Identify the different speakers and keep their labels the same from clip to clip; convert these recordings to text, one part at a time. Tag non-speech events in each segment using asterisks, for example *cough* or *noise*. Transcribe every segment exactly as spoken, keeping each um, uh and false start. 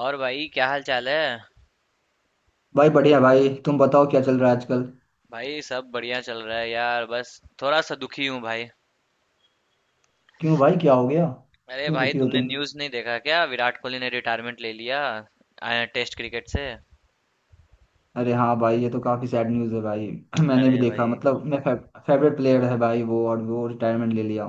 Speaker 1: और भाई क्या हाल चाल है?
Speaker 2: भाई बढ़िया भाई, तुम बताओ क्या चल रहा है आजकल।
Speaker 1: भाई सब बढ़िया चल रहा है यार, बस थोड़ा सा दुखी हूँ भाई।
Speaker 2: क्यों भाई, क्या हो गया?
Speaker 1: अरे
Speaker 2: क्यों
Speaker 1: भाई,
Speaker 2: दुखी हो
Speaker 1: तुमने
Speaker 2: तुम?
Speaker 1: न्यूज़ नहीं देखा क्या? विराट कोहली ने रिटायरमेंट ले लिया टेस्ट क्रिकेट से।
Speaker 2: अरे हाँ भाई, ये तो काफी सैड न्यूज़ है भाई। *clears throat* मैंने
Speaker 1: अरे
Speaker 2: भी
Speaker 1: भाई,
Speaker 2: देखा, मतलब मैं फेवरेट प्लेयर है भाई वो, और वो रिटायरमेंट ले लिया।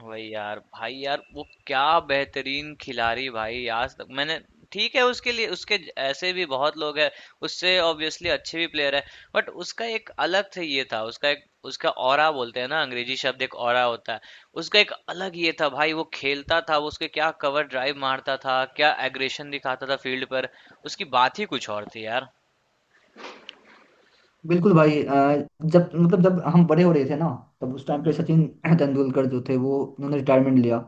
Speaker 1: वही यार भाई, यार वो क्या बेहतरीन खिलाड़ी भाई, आज तक मैंने। ठीक है, उसके लिए उसके ज- ऐसे भी बहुत लोग हैं, उससे ऑब्वियसली अच्छे भी प्लेयर है बट उसका एक अलग से ये था, उसका एक उसका ऑरा बोलते हैं ना, अंग्रेजी शब्द एक ऑरा होता है। उसका एक अलग ये था भाई, वो खेलता था, वो उसके क्या कवर ड्राइव मारता था, क्या एग्रेशन दिखाता था फील्ड पर। उसकी बात ही कुछ और थी यार।
Speaker 2: बिल्कुल भाई। अ, जब मतलब जब हम बड़े हो रहे थे ना, तब उस टाइम पे
Speaker 1: हम्म
Speaker 2: सचिन *clears throat* तेंदुलकर जो थे वो, उन्होंने रिटायरमेंट लिया।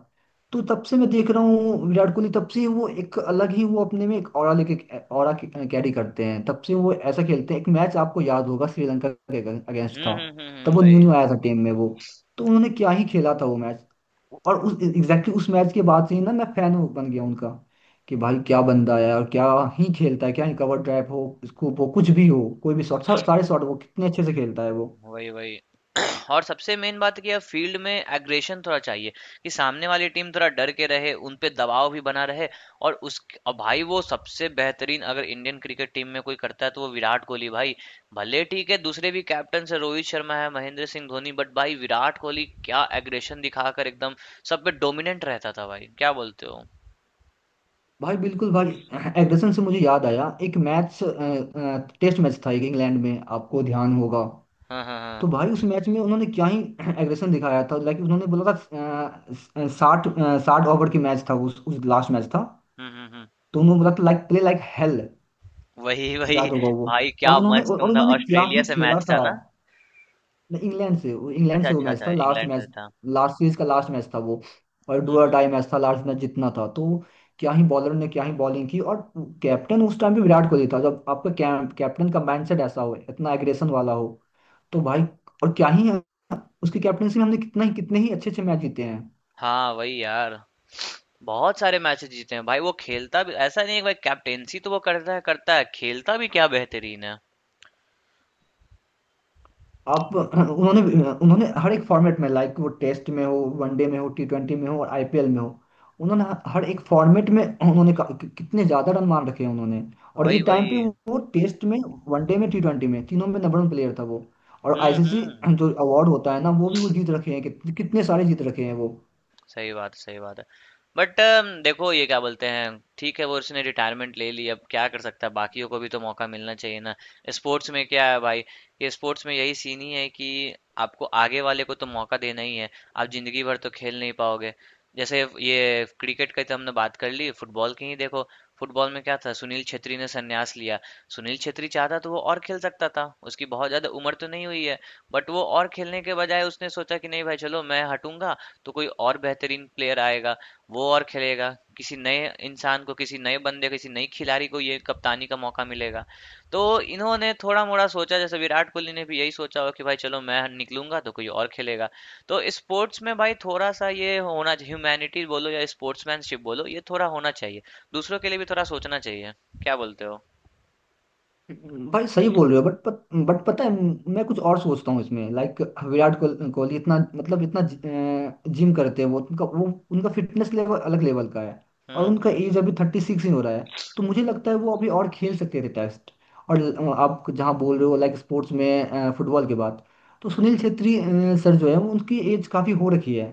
Speaker 2: तो तब से मैं देख रहा हूँ, विराट कोहली तब से वो एक अलग ही, वो अपने में एक ऑरा लेके ऑरा कैरी करते हैं। तब से वो ऐसा खेलते हैं। एक मैच आपको याद होगा, श्रीलंका के अगेंस्ट
Speaker 1: हम्म
Speaker 2: था।
Speaker 1: हम्म हम्म
Speaker 2: तब
Speaker 1: हम्म,
Speaker 2: वो
Speaker 1: वही
Speaker 2: न्यू न्यू आया था टीम में वो। तो उन्होंने क्या ही खेला था वो मैच। और उस एग्जैक्टली उस मैच के बाद से ही ना, मैं फैन बन गया उनका। कि भाई क्या बंदा है, और क्या ही खेलता है, क्या ही कवर ड्राइव हो, स्कूप हो, कुछ भी हो, कोई भी शॉट, सारे शॉट वो कितने अच्छे से खेलता है वो।
Speaker 1: वही वही। और सबसे मेन बात कि अब फील्ड में एग्रेशन थोड़ा चाहिए, कि सामने वाली टीम थोड़ा डर के रहे, उन पे दबाव भी बना रहे। और उस, और भाई वो सबसे बेहतरीन, अगर इंडियन क्रिकेट टीम में कोई करता है तो वो विराट कोहली भाई। भले ठीक है, दूसरे भी कैप्टन से रोहित शर्मा है, महेंद्र सिंह धोनी, बट भाई विराट कोहली क्या एग्रेशन दिखाकर एकदम सब पे डोमिनेंट रहता था भाई, क्या बोलते हो?
Speaker 2: भाई बिल्कुल भाई। *clears throat* एग्रेशन से मुझे याद आया एक मैच, टेस्ट मैच था एक, इंग्लैंड में आपको ध्यान होगा।
Speaker 1: हाँ हाँ हाँ।
Speaker 2: तो भाई उस मैच में उन्होंने क्या ही *clears throat* एग्रेशन दिखाया था। लाइक उन्होंने बोला था, साठ साठ ओवर की मैच था, उस उस लास्ट मैच था।
Speaker 1: हम्म हम्म हम्म,
Speaker 2: तो उन्होंने बोला था, लाइक प्ले लाइक हेल।
Speaker 1: वही वही।
Speaker 2: याद होगा वो।
Speaker 1: भाई
Speaker 2: और
Speaker 1: क्या
Speaker 2: उन्होंने
Speaker 1: मस्त,
Speaker 2: और
Speaker 1: मतलब
Speaker 2: उन्होंने क्या
Speaker 1: ऑस्ट्रेलिया
Speaker 2: ही
Speaker 1: से
Speaker 2: खेला
Speaker 1: मैच था
Speaker 2: था।
Speaker 1: ना?
Speaker 2: नहीं, इंग्लैंड से वो- इंग्लैंड
Speaker 1: अच्छा
Speaker 2: से वो
Speaker 1: अच्छा
Speaker 2: मैच
Speaker 1: अच्छा,
Speaker 2: था लास्ट
Speaker 1: इंग्लैंड से
Speaker 2: मैच।
Speaker 1: था।
Speaker 2: लास्ट सीरीज का लास्ट मैच था वो। और
Speaker 1: हम्म
Speaker 2: डू और
Speaker 1: हम्म।
Speaker 2: डाई मैच था, लास्ट मैच जितना था तो क्या ही बॉलर ने क्या ही बॉलिंग की। और कैप्टन उस टाइम भी विराट कोहली था। जब आपका कै, कैप्टन का माइंडसेट ऐसा हो, इतना एग्रेशन वाला हो, तो भाई और क्या ही है। उसकी कैप्टनसी में हमने कितना ही, कितने ही अच्छे अच्छे मैच जीते हैं।
Speaker 1: हाँ वही यार, बहुत सारे मैचेस जीते हैं भाई। वो खेलता भी, ऐसा नहीं है कि भाई कैप्टेंसी तो वो करता है करता है, खेलता भी क्या बेहतरीन है।
Speaker 2: आप उन्होंने, उन्होंने हर एक फॉर्मेट में, लाइक वो टेस्ट में हो, वनडे में हो, टी ट्वेंटी में हो, और आईपीएल में हो। उन्होंने हर एक फॉर्मेट में उन्होंने का- कि- कितने ज्यादा रन मार रखे हैं उन्होंने। और
Speaker 1: वही
Speaker 2: एक टाइम पे
Speaker 1: वही।
Speaker 2: वो, वो टेस्ट में, वनडे में, टी ट्वेंटी में, तीनों में नंबर वन प्लेयर था वो। और
Speaker 1: हम्म
Speaker 2: आईसीसी
Speaker 1: हम्म।
Speaker 2: जो अवार्ड होता है ना, वो भी वो जीत रखे हैं, कित, कितने सारे जीत रखे हैं वो।
Speaker 1: सही बात है, सही बात है। बट देखो, ये क्या बोलते हैं, ठीक है वो उसने रिटायरमेंट ले ली, अब क्या कर सकता है, बाकियों को भी तो मौका मिलना चाहिए ना। स्पोर्ट्स में क्या है भाई, ये स्पोर्ट्स में यही सीन ही है कि आपको आगे वाले को तो मौका देना ही है। आप जिंदगी भर तो खेल नहीं पाओगे। जैसे ये क्रिकेट की तो हमने बात कर ली, फुटबॉल की ही देखो। फुटबॉल में क्या था, सुनील छेत्री ने संन्यास लिया। सुनील छेत्री चाहता तो वो और खेल सकता था, उसकी बहुत ज्यादा उम्र तो नहीं हुई है। बट वो और खेलने के बजाय उसने सोचा कि नहीं भाई, चलो मैं हटूंगा तो कोई और बेहतरीन प्लेयर आएगा, वो और खेलेगा, किसी नए इंसान को, किसी नए बंदे, किसी नई खिलाड़ी को ये कप्तानी का मौका मिलेगा। तो इन्होंने थोड़ा-मोड़ा सोचा, जैसे विराट कोहली ने भी यही सोचा होगा कि भाई चलो मैं निकलूंगा तो कोई और खेलेगा। तो स्पोर्ट्स में भाई थोड़ा-सा ये होना चाहिए, ह्यूमैनिटी बोलो या स्पोर्ट्समैनशिप बोलो, ये थोड़ा होना चाहिए। दूसरों के लिए भी थोड़ा सोचना चाहिए। क्या बोलते हो?
Speaker 2: भाई सही बोल रहे हो बट पत, बट पता है, मैं कुछ और सोचता हूँ इसमें, लाइक विराट कोह- कोहली इतना, मतलब इतना जिम करते हैं वो, उनका वो उनका फिटनेस लेवल अलग लेवल का है। और
Speaker 1: हुँ,
Speaker 2: उनका
Speaker 1: हुँ,
Speaker 2: एज अभी
Speaker 1: हुँ।
Speaker 2: थर्टी सिक्स ही हो रहा है। तो मुझे लगता है वो अभी और खेल सकते थे टेस्ट। और अ, आप जहाँ बोल रहे हो, लाइक स्पोर्ट्स में फुटबॉल के बाद, तो
Speaker 1: हुँ,
Speaker 2: सुनील
Speaker 1: हुँ।
Speaker 2: छेत्री अ, सर जो है वो, उनकी एज काफ़ी हो रखी है।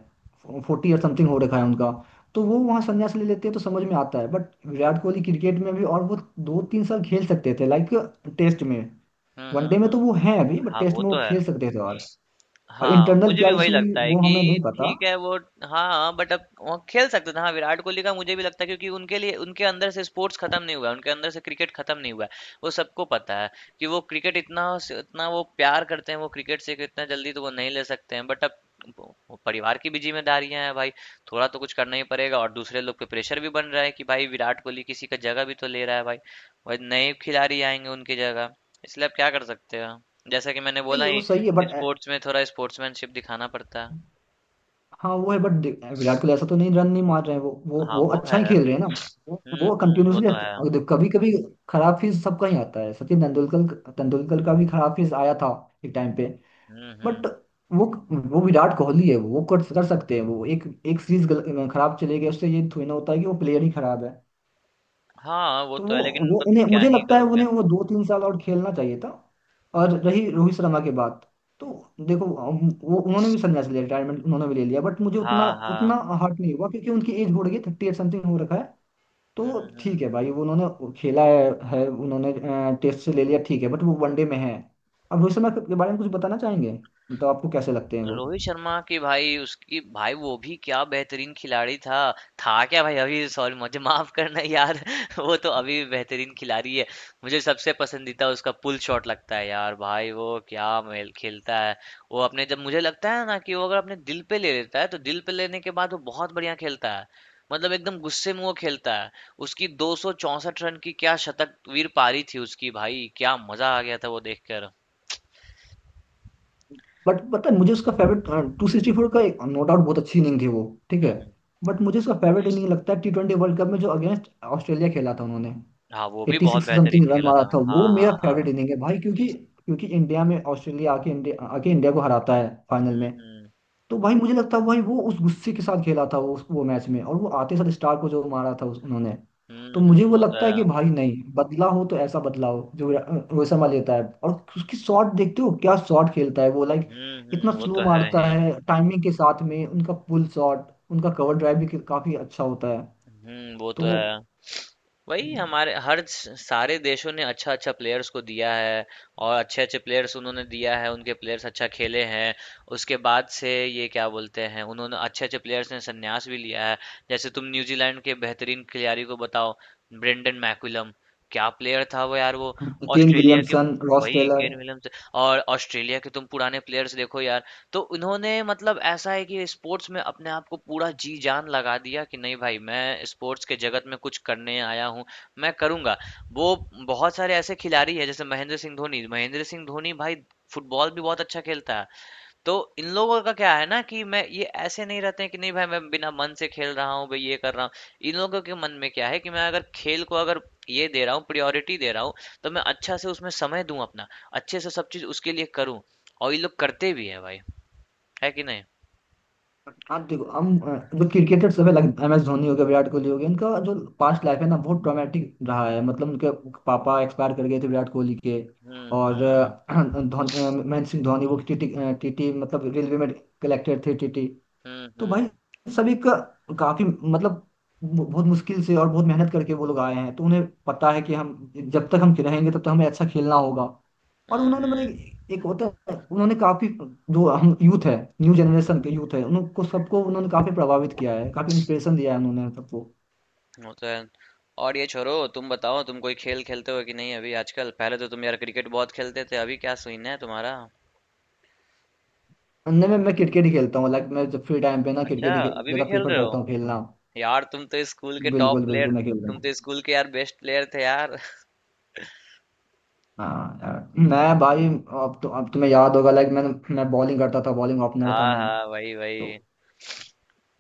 Speaker 2: फोर्टी या समथिंग हो रखा है उनका। तो वो वहाँ संन्यास ले लेते हैं तो समझ में आता है, बट विराट कोहली क्रिकेट में भी, और वो दो तीन साल खेल सकते थे लाइक टेस्ट में।
Speaker 1: हुँ, हुँ,
Speaker 2: वनडे में तो
Speaker 1: हुँ।
Speaker 2: वो हैं अभी, बट
Speaker 1: हाँ,
Speaker 2: टेस्ट
Speaker 1: वो
Speaker 2: में वो
Speaker 1: तो है।
Speaker 2: खेल सकते थे। और और
Speaker 1: हाँ,
Speaker 2: इंटरनल
Speaker 1: मुझे
Speaker 2: क्या
Speaker 1: भी वही
Speaker 2: इशू,
Speaker 1: लगता है
Speaker 2: वो
Speaker 1: कि
Speaker 2: हमें नहीं पता।
Speaker 1: ठीक है वो। हाँ बट अब वो खेल सकते थे, हाँ विराट कोहली का मुझे भी लगता है, क्योंकि उनके लिए उनके अंदर से स्पोर्ट्स खत्म नहीं हुआ है, उनके अंदर से क्रिकेट खत्म नहीं हुआ है। वो सबको पता है कि वो क्रिकेट इतना इतना वो प्यार करते हैं, वो क्रिकेट से कि इतना जल्दी तो वो नहीं ले सकते हैं। बट अब वो- वो परिवार की भी जिम्मेदारियां हैं भाई, थोड़ा तो कुछ करना ही पड़ेगा, और दूसरे लोग पे प्रेशर भी बन रहा है कि भाई विराट कोहली किसी का जगह भी तो ले रहा है भाई। भाई नए खिलाड़ी आएंगे उनकी जगह। इसलिए अब क्या कर सकते हैं, जैसा कि मैंने बोला
Speaker 2: नहीं वो
Speaker 1: ही,
Speaker 2: सही है बट,
Speaker 1: स्पोर्ट्स में थोड़ा स्पोर्ट्समैनशिप दिखाना पड़ता है।
Speaker 2: हाँ वो है बट, विराट कोहली ऐसा तो नहीं, रन नहीं मार रहे हैं वो, वो
Speaker 1: हाँ,
Speaker 2: वो
Speaker 1: वो
Speaker 2: अच्छा ही
Speaker 1: है।
Speaker 2: खेल रहे हैं ना। वो
Speaker 1: हुँ,
Speaker 2: वो
Speaker 1: हुँ, वो तो है।
Speaker 2: कंटिन्यूसली, कभी कभी खराब फीस सबका ही आता है। सचिन तेंदुलकर तेंदुलकर का भी खराब फीस आया था एक टाइम पे।
Speaker 1: हुँ,
Speaker 2: बट
Speaker 1: हुँ।
Speaker 2: वो वो विराट कोहली है, वो कर कर सकते हैं। वो एक एक सीरीज खराब चले गए उससे ये थोड़ी ना होता है कि वो प्लेयर ही खराब है।
Speaker 1: हाँ, वो
Speaker 2: तो
Speaker 1: तो
Speaker 2: वो
Speaker 1: है लेकिन
Speaker 2: वो
Speaker 1: बट
Speaker 2: उन्हें
Speaker 1: क्या
Speaker 2: मुझे
Speaker 1: ही
Speaker 2: लगता है,
Speaker 1: करोगे?
Speaker 2: उन्हें वो दो तीन साल और खेलना चाहिए था। और रही रोहित शर्मा की बात, तो देखो, हम- वो उन्होंने भी संन्यास लिया, रिटायरमेंट उन्होंने भी ले लिया, बट मुझे उतना
Speaker 1: हाँ,
Speaker 2: उतना
Speaker 1: हाँ।
Speaker 2: हर्ट नहीं हुआ, क्योंकि उनकी एज हो रही है, थर्टी एट समथिंग हो रखा है।
Speaker 1: हुँ,
Speaker 2: तो
Speaker 1: हुँ,
Speaker 2: ठीक है भाई,
Speaker 1: हुँ।
Speaker 2: वो उन्होंने खेला है, है उन्होंने। टेस्ट से ले लिया ठीक है, बट वो वनडे में है। अब रोहित शर्मा के के बारे में कुछ बताना चाहेंगे, मतलब आपको कैसे लगते हैं वो?
Speaker 1: रोहित शर्मा की भाई, उसकी भाई वो भी क्या बेहतरीन खिलाड़ी था। था क्या भाई, अभी सॉरी मुझे माफ करना यार *laughs* वो तो अभी भी बेहतरीन खिलाड़ी है। मुझे सबसे पसंदीदा उसका पुल शॉट लगता है यार भाई, वो क्या मेल खेलता है। वो अपने, जब मुझे लगता है ना कि वो अगर अपने दिल पे ले लेता है, तो दिल पे लेने के बाद वो बहुत बढ़िया खेलता है, मतलब एकदम गुस्से में वो खेलता है। उसकी दो सौ चौंसठ रन की क्या शतक वीर पारी थी उसकी भाई, क्या मजा आ गया था वो देखकर।
Speaker 2: बट पता है, मुझे उसका फेवरेट टू सिक्सटी फोर का, एक नो डाउट बहुत अच्छी इनिंग थी वो, ठीक
Speaker 1: हम्म
Speaker 2: है।
Speaker 1: हम्म।
Speaker 2: बट मुझे उसका फेवरेट इनिंग लगता है टी ट्वेंटी वर्ल्ड कप में, जो अगेंस्ट ऑस्ट्रेलिया खेला था उन्होंने।
Speaker 1: हाँ वो भी
Speaker 2: एट्टी
Speaker 1: बहुत
Speaker 2: सिक्स
Speaker 1: बेहतरीन
Speaker 2: समथिंग रन
Speaker 1: खेला
Speaker 2: मारा
Speaker 1: था,
Speaker 2: था
Speaker 1: हाँ
Speaker 2: वो, मेरा
Speaker 1: हाँ
Speaker 2: फेवरेट
Speaker 1: हाँ।
Speaker 2: इनिंग है भाई, क्योंकि क्योंकि इंडिया में ऑस्ट्रेलिया आके, इंडिया आके इंडिया को हराता है फाइनल में।
Speaker 1: हम्म
Speaker 2: तो भाई मुझे लगता है भाई वो उस गुस्से के साथ खेला था, वो वो मैच में, और वो आते साथ स्टार को जो मारा था उस उन्होंने। तो
Speaker 1: हम्म
Speaker 2: मुझे
Speaker 1: हम्म,
Speaker 2: वो
Speaker 1: वो तो
Speaker 2: लगता है
Speaker 1: है।
Speaker 2: कि भाई नहीं, बदला हो तो ऐसा बदला हो जो रो- रोहित शर्मा लेता है। और उसकी शॉट देखते हो, क्या शॉट खेलता है वो, लाइक
Speaker 1: हम्म हम्म,
Speaker 2: इतना
Speaker 1: वो
Speaker 2: स्लो
Speaker 1: तो है
Speaker 2: मारता
Speaker 1: ही।
Speaker 2: है टाइमिंग के साथ में, उनका पुल शॉट, उनका कवर ड्राइव भी काफी अच्छा होता है।
Speaker 1: हम्म, वो तो
Speaker 2: तो
Speaker 1: है। वही हमारे हर स- सारे देशों ने अच्छा अच्छा प्लेयर्स को दिया है, और अच्छे अच्छे प्लेयर्स उन्होंने दिया है, उनके प्लेयर्स अच्छा खेले हैं। उसके बाद से ये क्या बोलते हैं, उन्होंने अच्छे अच्छे प्लेयर्स ने संन्यास भी लिया है। जैसे तुम न्यूजीलैंड के बेहतरीन खिलाड़ी को बताओ, ब्रेंडन मैकुलम, क्या प्लेयर था वो यार वो।
Speaker 2: केन
Speaker 1: ऑस्ट्रेलिया के,
Speaker 2: विलियमसन, रॉस
Speaker 1: वही
Speaker 2: टेलर।
Speaker 1: Kane Williams. और ऑस्ट्रेलिया के तुम पुराने प्लेयर्स देखो यार, तो उन्होंने, मतलब ऐसा है कि स्पोर्ट्स में अपने आप को पूरा जी जान लगा दिया कि नहीं भाई, मैं स्पोर्ट्स के जगत में कुछ करने आया हूँ, मैं करूँगा। वो बहुत सारे ऐसे खिलाड़ी हैं, जैसे महेंद्र सिंह धोनी, महेंद्र सिंह धोनी भाई फुटबॉल भी बहुत अच्छा खेलता है। तो इन लोगों का क्या है ना, कि मैं, ये ऐसे नहीं रहते हैं कि नहीं भाई मैं बिना मन से खेल रहा हूँ भाई, ये कर रहा हूँ। इन लोगों के मन में क्या है कि मैं अगर खेल को अगर ये दे रहा हूँ, प्रायोरिटी दे रहा हूँ, तो मैं अच्छा से उसमें समय दूं अपना, अच्छे से सब चीज उसके लिए करूँ। और ये लोग करते भी हैं भाई, है कि नहीं?
Speaker 2: आप देखो हम अ, जो क्रिकेटर सब है, लाइक एम एस धोनी हो गया, विराट कोहली हो गया, इनका जो पास्ट लाइफ है ना बहुत ट्रॉमेटिक रहा है, मतलब उनके पापा एक्सपायर कर गए थे विराट कोहली के।
Speaker 1: हम्म
Speaker 2: और
Speaker 1: हम्म
Speaker 2: अ, *clears throat* धोनी अ, महेंद्र सिंह धोनी वो टीटी। टीटी मतलब रेलवे में कलेक्टर थे टीटी।
Speaker 1: हम्म
Speaker 2: तो
Speaker 1: हम्म
Speaker 2: भाई सभी का काफी, मतलब बहुत मुश्किल से और बहुत मेहनत करके वो लोग आए हैं, तो उन्हें पता है कि हम जब तक हम रहेंगे तब तक हमें अच्छा खेलना होगा। और उन्होंने, मतलब
Speaker 1: हम्म,
Speaker 2: एक एक होता है उन्होंने काफी, जो हम यूथ है, न्यू जनरेशन के यूथ है, उनको सबको उन्होंने काफी प्रभावित किया है, काफी इंस्पिरेशन दिया है उन्होंने सबको।
Speaker 1: वो तो है। और ये छोरो, तुम बताओ तुम कोई खेल खेलते हो कि नहीं अभी आजकल? पहले तो तुम यार क्रिकेट बहुत खेलते थे, अभी क्या सीन है तुम्हारा?
Speaker 2: नहीं, मैं मैं क्रिकेट ही खेलता हूँ, लाइक मैं जब फ्री टाइम पे ना
Speaker 1: अच्छा,
Speaker 2: क्रिकेट ही खे-
Speaker 1: अभी भी
Speaker 2: ज्यादा
Speaker 1: खेल
Speaker 2: प्रेफर
Speaker 1: रहे हो।
Speaker 2: करता हूँ खेलना।
Speaker 1: यार तुम तो स्कूल के टॉप
Speaker 2: बिल्कुल
Speaker 1: प्लेयर,
Speaker 2: बिल्कुल, मैं खेलता
Speaker 1: तुम
Speaker 2: हूँ।
Speaker 1: तो स्कूल के यार बेस्ट प्लेयर थे यार *laughs*
Speaker 2: हाँ यार, मैं भाई अब तो, अब तुम्हें याद होगा लाइक, मैं मैं बॉलिंग करता था, बॉलिंग ओपनर था
Speaker 1: हाँ
Speaker 2: मैं
Speaker 1: हाँ, वही
Speaker 2: तो।
Speaker 1: वही।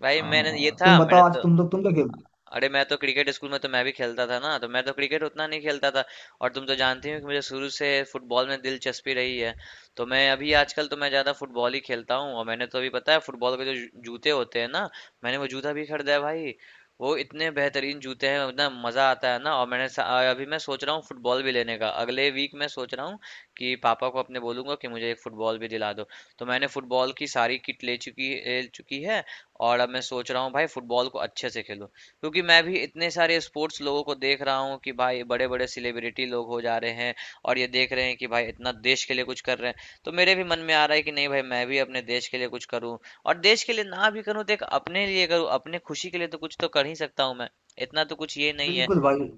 Speaker 1: भाई मैंने ये
Speaker 2: हाँ, तुम
Speaker 1: था, मैंने
Speaker 2: बताओ आज
Speaker 1: तो,
Speaker 2: तुम लोग, तुम क्या खेलते हो?
Speaker 1: अरे मैं तो क्रिकेट स्कूल में तो मैं भी खेलता था ना, तो मैं तो क्रिकेट उतना नहीं खेलता था। और तुम तो जानती हो कि मुझे शुरू से फुटबॉल में दिलचस्पी रही है, तो मैं अभी आजकल तो मैं ज़्यादा फुटबॉल ही खेलता हूँ। और मैंने तो अभी, पता है, फुटबॉल के जो जू- जूते होते हैं ना, मैंने वो जूता भी खरीदा है भाई। वो इतने बेहतरीन जूते हैं, इतना मज़ा आता है ना। और मैंने सा- अभी मैं सोच रहा हूँ फुटबॉल भी लेने का, अगले वीक मैं सोच रहा हूँ कि पापा को अपने बोलूंगा कि मुझे एक फुटबॉल भी दिला दो। तो मैंने फुटबॉल की सारी किट ले चुकी ले चुकी है। और अब मैं सोच रहा हूँ भाई फुटबॉल को अच्छे से खेलूं, क्योंकि मैं भी इतने सारे स्पोर्ट्स लोगों को देख रहा हूँ कि भाई बड़े बड़े सेलिब्रिटी लोग हो जा रहे हैं, और ये देख रहे हैं कि भाई इतना देश के लिए कुछ कर रहे हैं, तो मेरे भी मन में आ रहा है कि नहीं भाई मैं भी अपने देश के लिए कुछ करूँ। और देश के लिए ना भी करूँ, तो एक अपने लिए करूँ, अपने खुशी के लिए तो कुछ तो कर ही सकता हूँ मैं, इतना तो कुछ ये नहीं है।
Speaker 2: बिल्कुल भाई,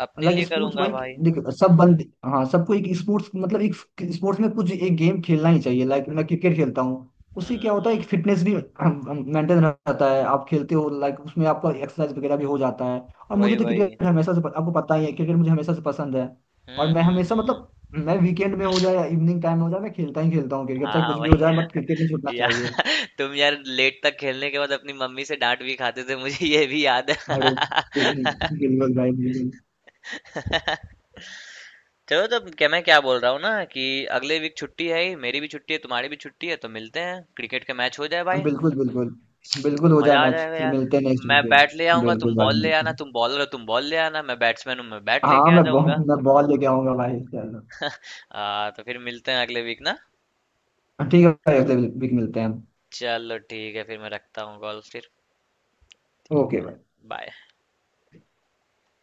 Speaker 1: अपने
Speaker 2: लाइक
Speaker 1: लिए
Speaker 2: स्पोर्ट्स
Speaker 1: करूंगा
Speaker 2: भाई,
Speaker 1: भाई।
Speaker 2: देखो सब बंदे, हाँ, सबको एक स्पोर्ट्स, मतलब एक स्पोर्ट्स में कुछ एक गेम खेलना ही चाहिए, लाइक मैं क्रिकेट खेलता हूँ। उससे
Speaker 1: हम्म
Speaker 2: क्या होता है, एक
Speaker 1: हम्म,
Speaker 2: फिटनेस भी मेंटेन रहता है, आप खेलते हो लाइक, उसमें आपका एक्सरसाइज वगैरह भी हो जाता है। और
Speaker 1: वही
Speaker 2: मुझे तो
Speaker 1: वही।
Speaker 2: क्रिकेट हमेशा से प- आपको पता ही है, क्रिकेट मुझे हमेशा से पसंद है। और
Speaker 1: हम्म
Speaker 2: मैं
Speaker 1: हम्म
Speaker 2: हमेशा,
Speaker 1: हम्म।
Speaker 2: मतलब मैं वीकेंड में हो जाए या इवनिंग टाइम में हो जाए, मैं खेलता ही खेलता हूँ क्रिकेट, चाहे
Speaker 1: हाँ,
Speaker 2: कुछ भी हो जाए
Speaker 1: वही
Speaker 2: बट क्रिकेट नहीं छूटना
Speaker 1: यार
Speaker 2: चाहिए।
Speaker 1: *laughs* तुम यार लेट तक खेलने के बाद अपनी मम्मी से डांट भी खाते थे, मुझे ये भी याद है
Speaker 2: अरे
Speaker 1: *laughs*
Speaker 2: बिल्कुल भाई, बिल्कुल।
Speaker 1: चलो, तो क्या मैं क्या बोल रहा हूँ ना, कि अगले वीक छुट्टी है ही, मेरी भी छुट्टी है, तुम्हारी भी छुट्टी है, तो मिलते हैं, क्रिकेट का मैच हो जाए
Speaker 2: हाँ
Speaker 1: भाई।
Speaker 2: बिल्कुल, बिल्कुल। बिल्कुल हो
Speaker 1: मजा
Speaker 2: जाए
Speaker 1: आ
Speaker 2: मैच,
Speaker 1: जाएगा
Speaker 2: फिर
Speaker 1: यार।
Speaker 2: मिलते हैं नेक्स्ट
Speaker 1: मैं
Speaker 2: वीकेंड।
Speaker 1: बैट ले आऊंगा,
Speaker 2: बिल्कुल
Speaker 1: तुम
Speaker 2: भाई,
Speaker 1: बॉल ले
Speaker 2: मिलते
Speaker 1: आना,
Speaker 2: हैं।
Speaker 1: तुम बॉलर हो, तुम बॉल ले आना, मैं बैट्समैन हूँ, मैं बैट लेके
Speaker 2: हाँ,
Speaker 1: आ
Speaker 2: मैं बॉल
Speaker 1: जाऊंगा।
Speaker 2: मैं बॉल लेके आऊंगा भाई, चलो।
Speaker 1: आ, तो फिर मिलते हैं अगले वीक ना।
Speaker 2: हाँ, ठीक है भाई, अगले वीक मिलते हैं हम।
Speaker 1: चलो ठीक है, फिर मैं रखता हूँ कॉल फिर।
Speaker 2: ओके भाई।
Speaker 1: बाय।